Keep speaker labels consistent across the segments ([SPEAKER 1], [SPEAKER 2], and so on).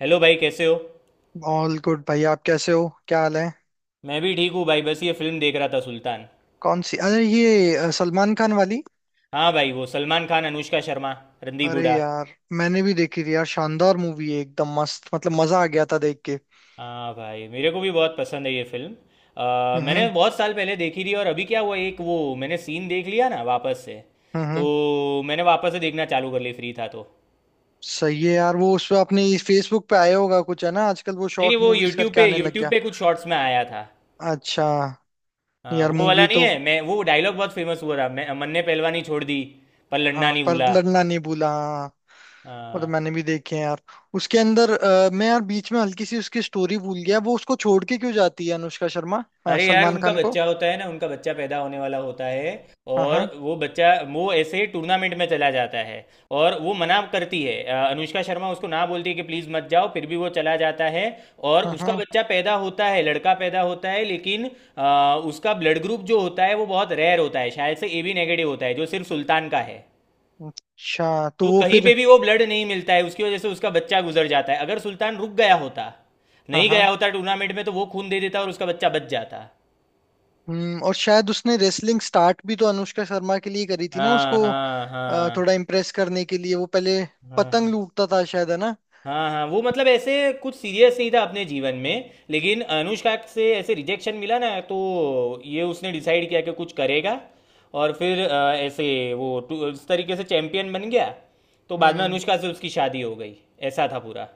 [SPEAKER 1] Hello भाई, कैसे हो?
[SPEAKER 2] ऑल गुड भाई। आप कैसे हो, क्या हाल है?
[SPEAKER 1] मैं भी ठीक हूँ भाई। बस ये फिल्म देख रहा था, सुल्तान।
[SPEAKER 2] कौन सी? अरे ये सलमान खान वाली।
[SPEAKER 1] हाँ भाई, वो सलमान खान, अनुष्का शर्मा, रणदीप
[SPEAKER 2] अरे
[SPEAKER 1] हुडा।
[SPEAKER 2] यार, मैंने भी देखी थी यार। शानदार मूवी है, एकदम मस्त, मतलब मजा आ गया था देख के।
[SPEAKER 1] हाँ भाई, मेरे को भी बहुत पसंद है ये फिल्म। मैंने
[SPEAKER 2] हम्म।
[SPEAKER 1] बहुत साल पहले देखी थी, और अभी क्या हुआ, एक वो मैंने सीन देख लिया ना वापस से।
[SPEAKER 2] हम्म।
[SPEAKER 1] तो मैंने वापस से देखना चालू कर ली, फ्री था तो।
[SPEAKER 2] सही है यार। वो उस पे आपने फेसबुक पे, आया होगा कुछ, है ना, आजकल वो
[SPEAKER 1] नहीं नहीं,
[SPEAKER 2] शॉर्ट
[SPEAKER 1] वो
[SPEAKER 2] मूवीज
[SPEAKER 1] यूट्यूब
[SPEAKER 2] करके
[SPEAKER 1] पे
[SPEAKER 2] आने लग
[SPEAKER 1] यूट्यूब
[SPEAKER 2] गया।
[SPEAKER 1] पे कुछ शॉर्ट्स में आया था।
[SPEAKER 2] अच्छा।
[SPEAKER 1] हाँ,
[SPEAKER 2] यार
[SPEAKER 1] वो वाला
[SPEAKER 2] मूवी
[SPEAKER 1] नहीं
[SPEAKER 2] तो।
[SPEAKER 1] है। मैं वो डायलॉग बहुत फेमस हुआ था, मैं मन ने पहलवानी छोड़ दी, पर लड़ना
[SPEAKER 2] हाँ,
[SPEAKER 1] नहीं
[SPEAKER 2] पर
[SPEAKER 1] भूला।
[SPEAKER 2] लड़ना नहीं भूला, हाँ। वो तो
[SPEAKER 1] हाँ।
[SPEAKER 2] मैंने भी देखे हैं यार। उसके अंदर मैं यार बीच में हल्की सी उसकी स्टोरी भूल गया। वो उसको छोड़ के क्यों जाती है अनुष्का शर्मा,
[SPEAKER 1] अरे यार,
[SPEAKER 2] सलमान
[SPEAKER 1] उनका
[SPEAKER 2] खान को?
[SPEAKER 1] बच्चा होता है ना, उनका बच्चा पैदा होने वाला होता है।
[SPEAKER 2] हाँ,
[SPEAKER 1] और
[SPEAKER 2] हाँ।
[SPEAKER 1] वो बच्चा, वो ऐसे टूर्नामेंट में चला जाता है। और वो मना करती है, अनुष्का शर्मा उसको ना बोलती है कि प्लीज़ मत जाओ, फिर भी वो चला जाता है। और
[SPEAKER 2] हाँ,
[SPEAKER 1] उसका
[SPEAKER 2] हाँ।
[SPEAKER 1] बच्चा पैदा होता है, लड़का पैदा होता है। लेकिन उसका ब्लड ग्रुप जो होता है वो बहुत रेयर होता है, शायद से AB नेगेटिव होता है, जो सिर्फ सुल्तान का है।
[SPEAKER 2] अच्छा, तो
[SPEAKER 1] तो
[SPEAKER 2] वो
[SPEAKER 1] कहीं पे
[SPEAKER 2] फिर।
[SPEAKER 1] भी वो ब्लड नहीं मिलता है, उसकी वजह से उसका बच्चा गुजर जाता है। अगर सुल्तान रुक गया होता,
[SPEAKER 2] हाँ,
[SPEAKER 1] नहीं गया
[SPEAKER 2] हाँ।
[SPEAKER 1] होता टूर्नामेंट में, तो वो खून दे देता और उसका बच्चा बच जाता।
[SPEAKER 2] हम्म। और शायद उसने रेसलिंग स्टार्ट भी तो अनुष्का शर्मा के लिए करी थी ना
[SPEAKER 1] हाँ,
[SPEAKER 2] उसको।
[SPEAKER 1] हाँ, हाँ,
[SPEAKER 2] थोड़ा इम्प्रेस करने के लिए वो पहले
[SPEAKER 1] हाँ, हाँ,
[SPEAKER 2] पतंग लूटता था शायद, है ना?
[SPEAKER 1] हाँ। हाँ, वो मतलब ऐसे कुछ सीरियस नहीं था अपने जीवन में, लेकिन अनुष्का से ऐसे रिजेक्शन मिला ना तो। ये उसने डिसाइड किया कि कुछ करेगा। और फिर ऐसे वो उस तरीके से चैंपियन बन गया। तो बाद में
[SPEAKER 2] हम्म।
[SPEAKER 1] अनुष्का से उसकी शादी हो गई। ऐसा था पूरा।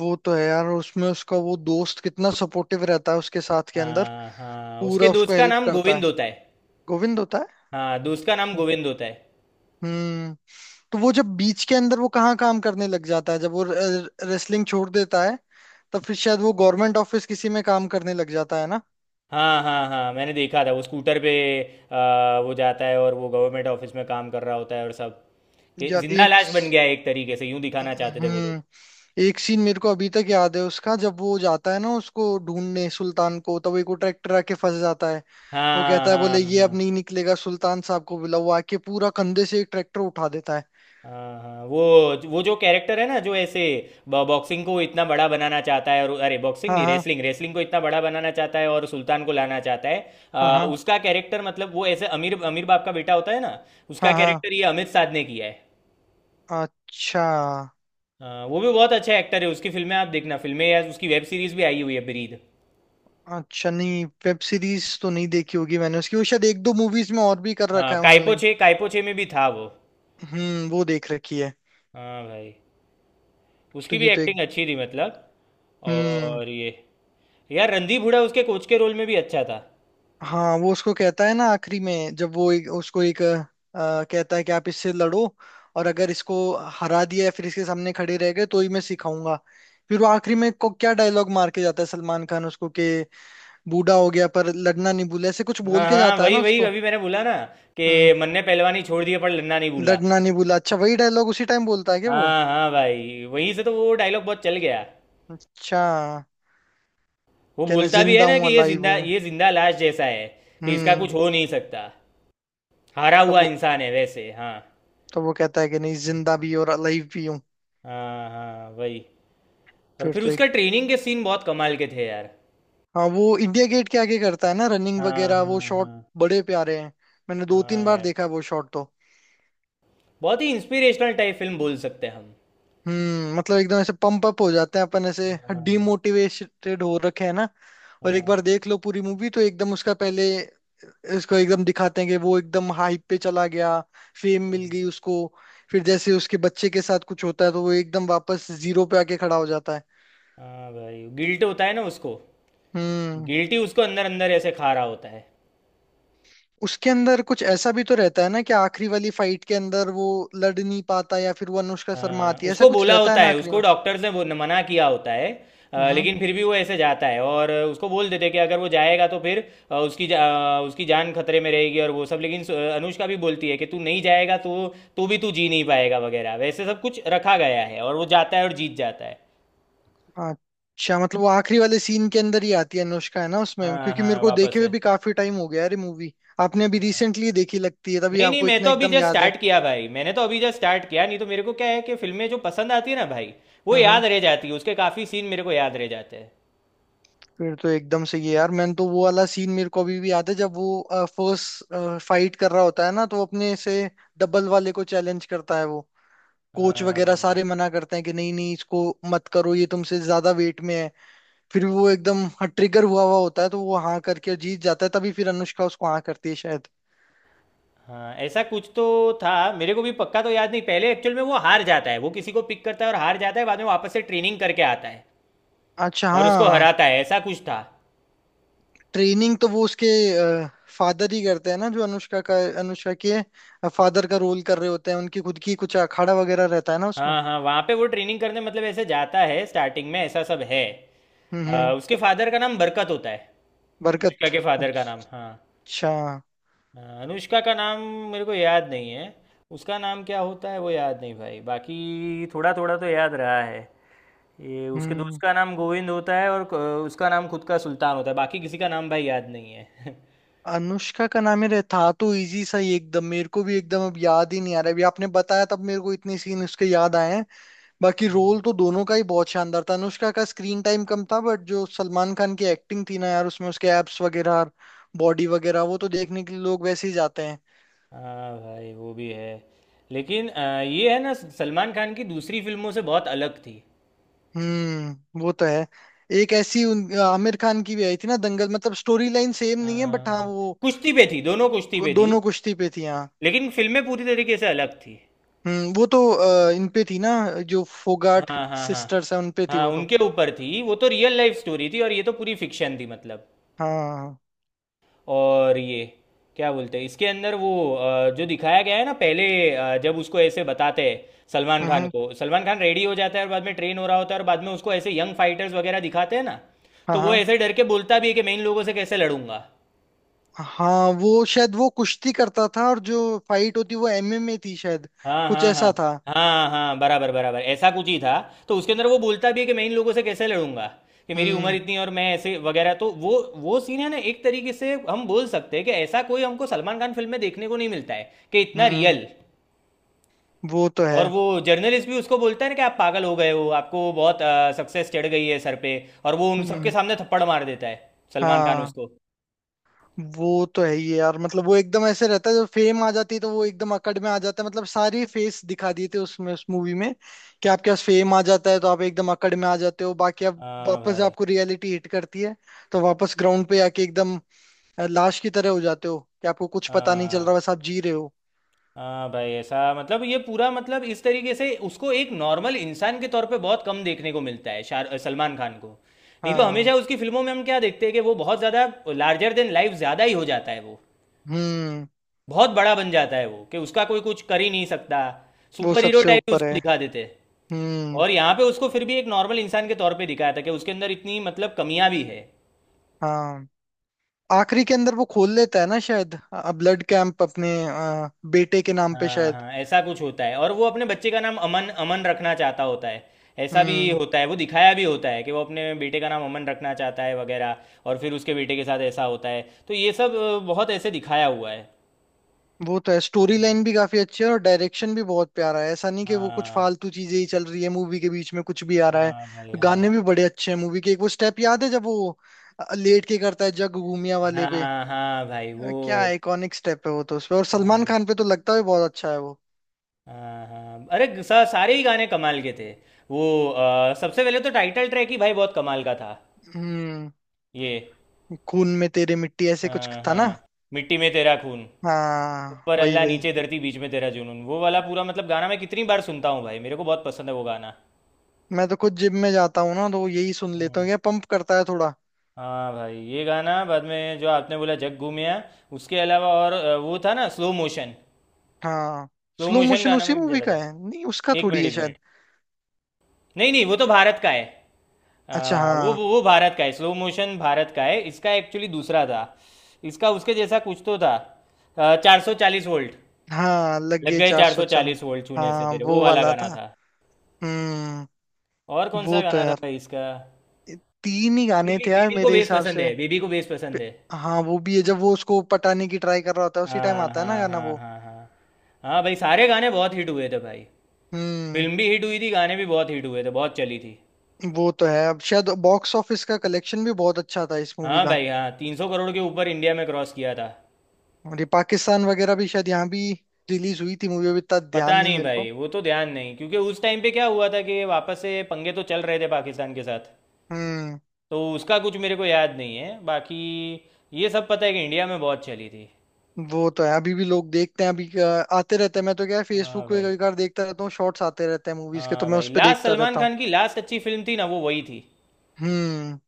[SPEAKER 2] वो तो है यार, उसमें उसका वो दोस्त कितना सपोर्टिव रहता है उसके साथ के अंदर।
[SPEAKER 1] हाँ हाँ, उसके
[SPEAKER 2] पूरा उसको
[SPEAKER 1] दोस्त का
[SPEAKER 2] हेल्प
[SPEAKER 1] नाम
[SPEAKER 2] करता
[SPEAKER 1] गोविंद
[SPEAKER 2] है।
[SPEAKER 1] होता है।
[SPEAKER 2] गोविंद होता है।
[SPEAKER 1] हाँ, दोस्त का नाम
[SPEAKER 2] अच्छा।
[SPEAKER 1] गोविंद होता है।
[SPEAKER 2] हम्म। तो वो जब बीच के अंदर वो कहाँ काम करने लग जाता है जब वो रेसलिंग छोड़ देता है? तब फिर शायद वो गवर्नमेंट ऑफिस किसी में काम करने लग जाता है ना।
[SPEAKER 1] हाँ हाँ हाँ, मैंने देखा था वो स्कूटर पे वो जाता है, और वो गवर्नमेंट ऑफिस में काम कर रहा होता है और सब। कि
[SPEAKER 2] यार
[SPEAKER 1] जिंदा
[SPEAKER 2] एक।
[SPEAKER 1] लाश बन गया है एक तरीके से, यूं दिखाना चाहते थे वो लोग।
[SPEAKER 2] हम्म। एक सीन मेरे को अभी तक याद है उसका, जब वो जाता है ना उसको ढूंढने सुल्तान को, तब एक वो ट्रैक्टर आके फंस जाता है। वो
[SPEAKER 1] हाँ,
[SPEAKER 2] कहता है, बोले
[SPEAKER 1] हाँ,
[SPEAKER 2] ये अब
[SPEAKER 1] हाँ,
[SPEAKER 2] नहीं निकलेगा, सुल्तान साहब को बुलाओ। वो आके पूरा कंधे से एक ट्रैक्टर उठा देता है।
[SPEAKER 1] हाँ, हाँ, वो जो कैरेक्टर है ना, जो ऐसे बॉक्सिंग को इतना बड़ा बनाना चाहता है। और अरे, बॉक्सिंग
[SPEAKER 2] हाँ,
[SPEAKER 1] नहीं,
[SPEAKER 2] हाँ,
[SPEAKER 1] रेसलिंग रेसलिंग को इतना बड़ा बनाना चाहता है और सुल्तान को लाना चाहता है।
[SPEAKER 2] हाँ,
[SPEAKER 1] उसका कैरेक्टर मतलब, वो ऐसे अमीर अमीर बाप का बेटा होता है ना। उसका
[SPEAKER 2] हाँ, हाँ,
[SPEAKER 1] कैरेक्टर ये अमित साध ने किया है।
[SPEAKER 2] हाँ। अच्छा।
[SPEAKER 1] हाँ, वो भी बहुत अच्छा एक्टर है। उसकी फिल्में आप देखना, फिल्में या उसकी वेब सीरीज भी आई हुई है, ब्रीद।
[SPEAKER 2] अच्छा, नहीं, वेब सीरीज तो नहीं देखी होगी मैंने उसकी। वो शायद एक दो मूवीज में और भी कर
[SPEAKER 1] हाँ,
[SPEAKER 2] रखा है उन्होंने।
[SPEAKER 1] कायपोचे, कायपोचे में भी था वो।
[SPEAKER 2] हम्म। वो देख रखी है।
[SPEAKER 1] हाँ भाई,
[SPEAKER 2] तो
[SPEAKER 1] उसकी भी
[SPEAKER 2] ये तो एक।
[SPEAKER 1] एक्टिंग अच्छी थी मतलब।
[SPEAKER 2] हम्म।
[SPEAKER 1] और ये, यार रणदीप हुडा उसके कोच के रोल में भी अच्छा था।
[SPEAKER 2] हाँ, वो उसको कहता है ना आखिरी में जब वो उसको एक कहता है कि आप इससे लड़ो, और अगर इसको हरा दिया या फिर इसके सामने खड़े रह गए तो ही मैं सिखाऊंगा। फिर वो आखिरी में को क्या डायलॉग मार के जाता है सलमान खान उसको, कि बूढ़ा हो गया पर लड़ना नहीं भूला, ऐसे कुछ
[SPEAKER 1] हाँ
[SPEAKER 2] बोल के
[SPEAKER 1] हाँ,
[SPEAKER 2] जाता है
[SPEAKER 1] वही
[SPEAKER 2] ना
[SPEAKER 1] वही,
[SPEAKER 2] उसको।
[SPEAKER 1] अभी मैंने बोला ना
[SPEAKER 2] हम्म।
[SPEAKER 1] कि मन ने पहलवानी छोड़ दिया, पर लड़ना नहीं भूला।
[SPEAKER 2] लड़ना नहीं भूला। अच्छा, वही डायलॉग उसी टाइम बोलता है क्या वो?
[SPEAKER 1] हाँ हाँ भाई, वहीं से तो वो डायलॉग बहुत चल गया।
[SPEAKER 2] अच्छा।
[SPEAKER 1] वो
[SPEAKER 2] कहना
[SPEAKER 1] बोलता भी
[SPEAKER 2] जिंदा
[SPEAKER 1] है ना
[SPEAKER 2] हूँ,
[SPEAKER 1] कि ये
[SPEAKER 2] अलाइव
[SPEAKER 1] जिंदा
[SPEAKER 2] हूँ।
[SPEAKER 1] ये जिंदा लाश जैसा है, कि इसका
[SPEAKER 2] हम्म।
[SPEAKER 1] कुछ हो नहीं सकता, हारा
[SPEAKER 2] तब
[SPEAKER 1] हुआ
[SPEAKER 2] वो
[SPEAKER 1] इंसान है वैसे, हाँ।
[SPEAKER 2] तब वो कहता है कि नहीं, जिंदा भी और अलाइव भी हूँ।
[SPEAKER 1] हाँ हाँ, वही। और
[SPEAKER 2] फिर
[SPEAKER 1] फिर
[SPEAKER 2] तो
[SPEAKER 1] उसका
[SPEAKER 2] एक।
[SPEAKER 1] ट्रेनिंग के सीन बहुत कमाल के थे यार।
[SPEAKER 2] हाँ, वो इंडिया गेट के आगे करता है ना रनिंग
[SPEAKER 1] हाँ
[SPEAKER 2] वगैरह वो
[SPEAKER 1] हाँ
[SPEAKER 2] शॉट।
[SPEAKER 1] हाँ,
[SPEAKER 2] बड़े प्यारे हैं। मैंने दो
[SPEAKER 1] हाँ
[SPEAKER 2] तीन बार
[SPEAKER 1] यार,
[SPEAKER 2] देखा है वो शॉट तो।
[SPEAKER 1] बहुत ही इंस्पिरेशनल टाइप फिल्म बोल सकते हैं हम।
[SPEAKER 2] हम्म, मतलब एकदम ऐसे पंप अप हो जाते हैं अपन ऐसे।
[SPEAKER 1] हाँ हाँ।
[SPEAKER 2] डिमोटिवेटेड हो रखे हैं ना, और एक
[SPEAKER 1] हाँ।
[SPEAKER 2] बार देख लो पूरी मूवी तो एकदम उसका पहले, इसको एकदम दिखाते हैं कि वो एकदम हाइप पे चला गया, फेम मिल गई उसको। फिर जैसे उसके बच्चे के साथ कुछ होता है तो वो एकदम वापस जीरो पे आके खड़ा हो जाता है।
[SPEAKER 1] हाँ भाई, गिल्ट होता है ना उसको।
[SPEAKER 2] हम्म।
[SPEAKER 1] गिल्टी उसको अंदर अंदर ऐसे खा रहा होता है।
[SPEAKER 2] उसके अंदर कुछ ऐसा भी तो रहता है ना, कि आखिरी वाली फाइट के अंदर वो लड़ नहीं पाता, या फिर वो अनुष्का शर्मा
[SPEAKER 1] हाँ,
[SPEAKER 2] आती है, ऐसा
[SPEAKER 1] उसको
[SPEAKER 2] कुछ
[SPEAKER 1] बोला
[SPEAKER 2] रहता है
[SPEAKER 1] होता
[SPEAKER 2] ना
[SPEAKER 1] है,
[SPEAKER 2] आखिरी
[SPEAKER 1] उसको
[SPEAKER 2] में।
[SPEAKER 1] डॉक्टर्स ने मना किया होता है।
[SPEAKER 2] हम्म।
[SPEAKER 1] लेकिन फिर भी वो ऐसे जाता है और उसको बोल देते हैं कि अगर वो जाएगा तो फिर अ, उसकी जा, उसकी जान खतरे में रहेगी और वो सब। लेकिन अनुष्का भी बोलती है कि तू नहीं जाएगा तो भी तू जी नहीं पाएगा वगैरह वैसे, सब कुछ रखा गया है, और वो जाता है और जीत जाता है।
[SPEAKER 2] अच्छा, मतलब वो आखिरी वाले सीन के अंदर ही आती है अनुष्का, है ना उसमें?
[SPEAKER 1] हाँ
[SPEAKER 2] क्योंकि मेरे
[SPEAKER 1] हाँ,
[SPEAKER 2] को
[SPEAKER 1] वापस
[SPEAKER 2] देखे
[SPEAKER 1] है।
[SPEAKER 2] हुए भी काफी टाइम हो गया अरे मूवी। आपने अभी रिसेंटली देखी लगती है, तभी
[SPEAKER 1] नहीं नहीं,
[SPEAKER 2] आपको
[SPEAKER 1] मैं
[SPEAKER 2] इतना
[SPEAKER 1] तो अभी
[SPEAKER 2] एकदम
[SPEAKER 1] जस्ट
[SPEAKER 2] याद है।
[SPEAKER 1] स्टार्ट किया भाई, मैंने तो अभी जस्ट स्टार्ट किया। नहीं तो मेरे को क्या है कि फिल्में जो पसंद आती है ना भाई, वो
[SPEAKER 2] हम्म।
[SPEAKER 1] याद रह जाती है, उसके काफ़ी सीन मेरे को याद रह जाते हैं।
[SPEAKER 2] फिर तो एकदम सही है यार। मैंने तो वो वाला सीन मेरे को अभी भी याद है जब वो फर्स्ट फाइट कर रहा होता है ना, तो वो अपने से डबल वाले को चैलेंज करता है वो। कोच वगैरह
[SPEAKER 1] हाँ
[SPEAKER 2] सारे मना करते हैं कि नहीं, नहीं, इसको मत करो, ये तुमसे ज्यादा वेट में है। फिर भी वो एकदम ट्रिगर हुआ हुआ होता है तो वो हाँ करके जीत जाता है, तभी फिर अनुष्का उसको हाँ करती है शायद।
[SPEAKER 1] हाँ, ऐसा कुछ तो था। मेरे को भी पक्का तो याद नहीं, पहले एक्चुअल में वो हार जाता है, वो किसी को पिक करता है और हार जाता है, बाद में वापस से ट्रेनिंग करके आता है
[SPEAKER 2] अच्छा,
[SPEAKER 1] और उसको
[SPEAKER 2] हाँ।
[SPEAKER 1] हराता है। ऐसा कुछ था।
[SPEAKER 2] ट्रेनिंग तो वो उसके फादर ही करते हैं ना, जो अनुष्का के फादर का रोल कर रहे होते हैं। उनकी खुद की कुछ अखाड़ा वगैरह रहता है ना उसमें।
[SPEAKER 1] हाँ हाँ, वहाँ पे वो ट्रेनिंग करने मतलब ऐसे जाता है स्टार्टिंग में, ऐसा सब है।
[SPEAKER 2] हम्म। हम्म।
[SPEAKER 1] उसके फादर का नाम बरकत होता है। अनुष्का
[SPEAKER 2] बरकत।
[SPEAKER 1] के फादर का नाम,
[SPEAKER 2] अच्छा।
[SPEAKER 1] हाँ। हाँ, अनुष्का का नाम मेरे को याद नहीं है। उसका नाम क्या होता है वो याद नहीं भाई, बाकी थोड़ा थोड़ा तो याद रहा है। ये उसके
[SPEAKER 2] हम्म।
[SPEAKER 1] दोस्त का नाम गोविंद होता है, और उसका नाम खुद का सुल्तान होता है। बाकी किसी का नाम भाई याद नहीं है।
[SPEAKER 2] अनुष्का का नाम ही रहे था तो इजी सा ही एकदम, मेरे को भी एकदम अब याद ही नहीं आ रहा। अभी आपने बताया तब मेरे को इतने सीन उसके याद आए हैं। बाकी रोल तो दोनों का ही बहुत शानदार था। अनुष्का का स्क्रीन टाइम कम था, बट जो सलमान खान की एक्टिंग थी ना यार, उसमें उसके एब्स वगैरह, बॉडी वगैरह, वो तो देखने के लिए लोग वैसे ही जाते हैं।
[SPEAKER 1] हाँ भाई, वो भी है। लेकिन ये है ना, सलमान खान की दूसरी फिल्मों से बहुत अलग थी।
[SPEAKER 2] हम्म। वो तो है। एक ऐसी आमिर खान की भी आई थी ना दंगल, मतलब स्टोरी लाइन सेम नहीं है, बट
[SPEAKER 1] हाँ,
[SPEAKER 2] हाँ
[SPEAKER 1] हाँ।
[SPEAKER 2] वो
[SPEAKER 1] कुश्ती पे थी, दोनों कुश्ती पे थी।
[SPEAKER 2] दोनों कुश्ती पे थी, हाँ।
[SPEAKER 1] लेकिन फिल्में पूरी तरीके से अलग थी।
[SPEAKER 2] हम्म, वो तो इन पे थी ना, जो फोगाट
[SPEAKER 1] हाँ हाँ हाँ
[SPEAKER 2] सिस्टर्स है उन पे थी
[SPEAKER 1] हाँ।
[SPEAKER 2] वो तो।
[SPEAKER 1] उनके ऊपर थी, वो तो रियल लाइफ स्टोरी थी, और ये तो पूरी फिक्शन थी मतलब।
[SPEAKER 2] हाँ।
[SPEAKER 1] और ये, क्या बोलते हैं इसके अंदर वो जो दिखाया गया है ना पहले, जब उसको ऐसे बताते हैं सलमान खान
[SPEAKER 2] हम्म।
[SPEAKER 1] को, सलमान खान रेडी हो जाता है और बाद में ट्रेन हो रहा होता है, और बाद में उसको ऐसे यंग फाइटर्स वगैरह दिखाते हैं ना।
[SPEAKER 2] हाँ,
[SPEAKER 1] तो वो
[SPEAKER 2] हाँ,
[SPEAKER 1] ऐसे डर के बोलता भी है कि मैं इन लोगों से कैसे लड़ूंगा।
[SPEAKER 2] हाँ। वो शायद वो कुश्ती करता था, और जो फाइट होती वो एमएमए थी शायद,
[SPEAKER 1] हाँ
[SPEAKER 2] कुछ
[SPEAKER 1] हाँ हाँ
[SPEAKER 2] ऐसा था।
[SPEAKER 1] हाँ हाँ, बराबर बराबर, ऐसा कुछ ही था। तो उसके अंदर वो बोलता भी है कि मैं इन लोगों से कैसे लड़ूंगा, कि मेरी उम्र
[SPEAKER 2] हम्म।
[SPEAKER 1] इतनी है और मैं ऐसे वगैरह। तो वो सीन है ना, एक तरीके से हम बोल सकते हैं कि ऐसा कोई हमको सलमान खान फिल्म में देखने को नहीं मिलता है, कि इतना
[SPEAKER 2] हम्म।
[SPEAKER 1] रियल।
[SPEAKER 2] वो तो
[SPEAKER 1] और
[SPEAKER 2] है।
[SPEAKER 1] वो जर्नलिस्ट भी उसको बोलता है ना कि आप पागल हो गए हो, आपको बहुत सक्सेस चढ़ गई है सर पे। और वो उन सबके
[SPEAKER 2] हम्म।
[SPEAKER 1] सामने थप्पड़ मार देता है, सलमान खान
[SPEAKER 2] हाँ,
[SPEAKER 1] उसको।
[SPEAKER 2] वो तो है ही यार, मतलब वो एकदम ऐसे रहता है, जब फेम आ जाती है तो वो एकदम अकड़ में आ जाता है, मतलब सारी फेस दिखा दिए थे उसमें उस मूवी में, कि आपके पास फेम आ जाता है तो आप एकदम अकड़ में आ जाते हो, बाकी अब
[SPEAKER 1] हाँ
[SPEAKER 2] वापस
[SPEAKER 1] भाई।
[SPEAKER 2] आपको रियलिटी हिट करती है। तो वापस ग्राउंड पे आके एकदम लाश की तरह हो जाते हो, कि आपको कुछ पता नहीं चल रहा,
[SPEAKER 1] हाँ
[SPEAKER 2] बस आप जी रहे हो।
[SPEAKER 1] हाँ भाई, ऐसा मतलब ये पूरा मतलब, इस तरीके से उसको एक नॉर्मल इंसान के तौर पे बहुत कम देखने को मिलता है, शार सलमान खान को। नहीं तो
[SPEAKER 2] हाँ।
[SPEAKER 1] हमेशा उसकी फिल्मों में हम क्या देखते हैं कि वो बहुत ज़्यादा, लार्जर देन लाइफ ज़्यादा ही हो जाता है वो।
[SPEAKER 2] हम्म।
[SPEAKER 1] बहुत बड़ा बन जाता है वो, कि उसका कोई कुछ कर ही नहीं सकता।
[SPEAKER 2] वो
[SPEAKER 1] सुपर हीरो
[SPEAKER 2] सबसे
[SPEAKER 1] टाइप
[SPEAKER 2] ऊपर
[SPEAKER 1] उसको
[SPEAKER 2] है।
[SPEAKER 1] दिखा देते हैं।
[SPEAKER 2] हम्म।
[SPEAKER 1] और यहाँ पे उसको फिर भी एक नॉर्मल इंसान के तौर पे दिखाया था, कि उसके अंदर इतनी मतलब कमियां भी है।
[SPEAKER 2] हाँ, आखिरी के अंदर वो खोल लेता है ना शायद, ब्लड कैंप अपने बेटे के नाम पे
[SPEAKER 1] हाँ
[SPEAKER 2] शायद।
[SPEAKER 1] हाँ, ऐसा कुछ होता है, और वो अपने बच्चे का नाम अमन अमन रखना चाहता होता है। ऐसा भी
[SPEAKER 2] हम्म।
[SPEAKER 1] होता है, वो दिखाया भी होता है कि वो अपने बेटे का नाम अमन रखना चाहता है वगैरह। और फिर उसके बेटे के साथ ऐसा होता है। तो ये सब बहुत ऐसे दिखाया हुआ है।
[SPEAKER 2] वो तो है, स्टोरी लाइन भी काफी अच्छी है और डायरेक्शन भी बहुत प्यारा है। ऐसा नहीं कि वो कुछ
[SPEAKER 1] हाँ
[SPEAKER 2] फालतू चीजें ही चल रही है मूवी के बीच में, कुछ भी आ रहा है।
[SPEAKER 1] हाँ भाई, हाँ।
[SPEAKER 2] गाने भी बड़े अच्छे हैं मूवी के। एक वो स्टेप याद है जब वो लेट के करता है जग घूमिया वाले पे।
[SPEAKER 1] हाँ हाँ भाई, वो।
[SPEAKER 2] क्या आइकॉनिक स्टेप है वो तो, उसपे और सलमान
[SPEAKER 1] हाँ
[SPEAKER 2] खान पे तो लगता है बहुत अच्छा है वो।
[SPEAKER 1] हाँ हाँ, अरे सारे ही गाने कमाल के थे। वो सबसे पहले तो टाइटल ट्रैक ही भाई बहुत कमाल का था।
[SPEAKER 2] हम्म।
[SPEAKER 1] ये,
[SPEAKER 2] खून में तेरे मिट्टी, ऐसे कुछ
[SPEAKER 1] हाँ
[SPEAKER 2] था ना।
[SPEAKER 1] हाँ, मिट्टी में तेरा खून,
[SPEAKER 2] हाँ,
[SPEAKER 1] ऊपर
[SPEAKER 2] वही
[SPEAKER 1] अल्लाह
[SPEAKER 2] वही।
[SPEAKER 1] नीचे धरती बीच में तेरा जुनून, वो वाला पूरा मतलब गाना मैं कितनी बार सुनता हूँ भाई, मेरे को बहुत पसंद है वो गाना।
[SPEAKER 2] मैं तो खुद जिम में जाता हूँ ना, तो यही सुन लेता
[SPEAKER 1] हम्म,
[SPEAKER 2] हूँ, ये पंप करता है थोड़ा।
[SPEAKER 1] हाँ भाई, ये गाना बाद में जो आपने बोला, जग घूमिया, उसके अलावा और वो था ना, स्लो मोशन।
[SPEAKER 2] हाँ।
[SPEAKER 1] स्लो
[SPEAKER 2] स्लो
[SPEAKER 1] मोशन
[SPEAKER 2] मोशन
[SPEAKER 1] गाना
[SPEAKER 2] उसी
[SPEAKER 1] में भी
[SPEAKER 2] मूवी
[SPEAKER 1] चला
[SPEAKER 2] का
[SPEAKER 1] था।
[SPEAKER 2] है? नहीं, उसका
[SPEAKER 1] एक
[SPEAKER 2] थोड़ी
[SPEAKER 1] मिनट,
[SPEAKER 2] है
[SPEAKER 1] एक
[SPEAKER 2] शायद।
[SPEAKER 1] मिनट। नहीं नहीं, वो तो भारत का है।
[SPEAKER 2] अच्छा,
[SPEAKER 1] अ, वो
[SPEAKER 2] हाँ।
[SPEAKER 1] वो वो भारत का है, स्लो मोशन भारत का है, इसका एक्चुअली दूसरा था। इसका उसके जैसा कुछ तो था। 440 वोल्ट।
[SPEAKER 2] हाँ, लग
[SPEAKER 1] लग
[SPEAKER 2] गए
[SPEAKER 1] गए
[SPEAKER 2] चार
[SPEAKER 1] चार
[SPEAKER 2] सौ
[SPEAKER 1] सौ
[SPEAKER 2] चल।
[SPEAKER 1] चालीस वोल्ट छूने से
[SPEAKER 2] हाँ,
[SPEAKER 1] तेरे, वो
[SPEAKER 2] वो
[SPEAKER 1] वाला
[SPEAKER 2] वाला था।
[SPEAKER 1] गाना था।
[SPEAKER 2] हम्म,
[SPEAKER 1] और कौन सा
[SPEAKER 2] वो तो
[SPEAKER 1] गाना था
[SPEAKER 2] यार,
[SPEAKER 1] भाई इसका?
[SPEAKER 2] तीन ही गाने
[SPEAKER 1] बेबी,
[SPEAKER 2] थे यार
[SPEAKER 1] बेबी को
[SPEAKER 2] मेरे
[SPEAKER 1] बेस
[SPEAKER 2] हिसाब
[SPEAKER 1] पसंद है,
[SPEAKER 2] से।
[SPEAKER 1] बेबी को बेस पसंद
[SPEAKER 2] पे-
[SPEAKER 1] है।
[SPEAKER 2] हाँ, वो भी है, जब वो उसको पटाने की ट्राई कर रहा होता है उसी टाइम
[SPEAKER 1] हाँ,
[SPEAKER 2] आता है ना
[SPEAKER 1] हाँ,
[SPEAKER 2] गाना
[SPEAKER 1] हाँ,
[SPEAKER 2] वो।
[SPEAKER 1] हाँ, हाँ। हाँ भाई, सारे गाने बहुत हिट हुए थे भाई।
[SPEAKER 2] हम्म।
[SPEAKER 1] फिल्म भी हिट हुई थी, गाने भी बहुत हिट हुए थे, बहुत चली थी।
[SPEAKER 2] वो तो है, अब शायद बॉक्स ऑफिस का कलेक्शन भी बहुत अच्छा था इस मूवी
[SPEAKER 1] हाँ
[SPEAKER 2] का।
[SPEAKER 1] भाई, हाँ, 300 करोड़ के ऊपर इंडिया में क्रॉस किया था।
[SPEAKER 2] और ये पाकिस्तान वगैरह भी शायद, यहाँ भी रिलीज हुई थी मूवी, अभी इतना ध्यान
[SPEAKER 1] पता
[SPEAKER 2] नहीं
[SPEAKER 1] नहीं
[SPEAKER 2] मेरे को।
[SPEAKER 1] भाई, वो तो ध्यान नहीं, क्योंकि उस टाइम पे क्या हुआ था कि वापस से पंगे तो चल रहे थे पाकिस्तान के साथ।
[SPEAKER 2] हम्म।
[SPEAKER 1] तो उसका कुछ मेरे को याद नहीं है बाकी। ये सब पता है कि इंडिया में बहुत चली थी।
[SPEAKER 2] वो तो है, अभी भी लोग देखते हैं अभी आते रहते हैं। मैं तो, क्या है,
[SPEAKER 1] हाँ
[SPEAKER 2] फेसबुक पे
[SPEAKER 1] भाई,
[SPEAKER 2] कभी कभार देखता रहता हूँ, शॉर्ट्स आते रहते हैं मूवीज के, तो
[SPEAKER 1] हाँ
[SPEAKER 2] मैं
[SPEAKER 1] भाई,
[SPEAKER 2] उस पे
[SPEAKER 1] लास्ट
[SPEAKER 2] देखता
[SPEAKER 1] सलमान
[SPEAKER 2] रहता हूँ।
[SPEAKER 1] खान की लास्ट अच्छी फिल्म थी ना वो, वही थी।
[SPEAKER 2] हम्म।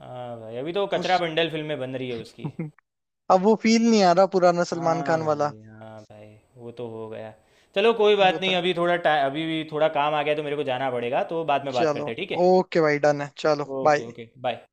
[SPEAKER 1] हाँ भाई, अभी तो
[SPEAKER 2] उस
[SPEAKER 1] कचरा बंडल फिल्में बन रही है उसकी।
[SPEAKER 2] अब वो फील नहीं आ रहा पुराना सलमान
[SPEAKER 1] हाँ
[SPEAKER 2] खान वाला।
[SPEAKER 1] भाई, हाँ भाई, वो तो हो गया। चलो कोई बात
[SPEAKER 2] वो तो
[SPEAKER 1] नहीं,
[SPEAKER 2] है।
[SPEAKER 1] अभी थोड़ा टाइम, अभी भी थोड़ा काम आ गया तो मेरे को जाना पड़ेगा, तो बाद में बात
[SPEAKER 2] चलो।
[SPEAKER 1] करते हैं, ठीक है।
[SPEAKER 2] ओके भाई, डन है, चलो
[SPEAKER 1] ओके,
[SPEAKER 2] बाय।
[SPEAKER 1] Okay, bye.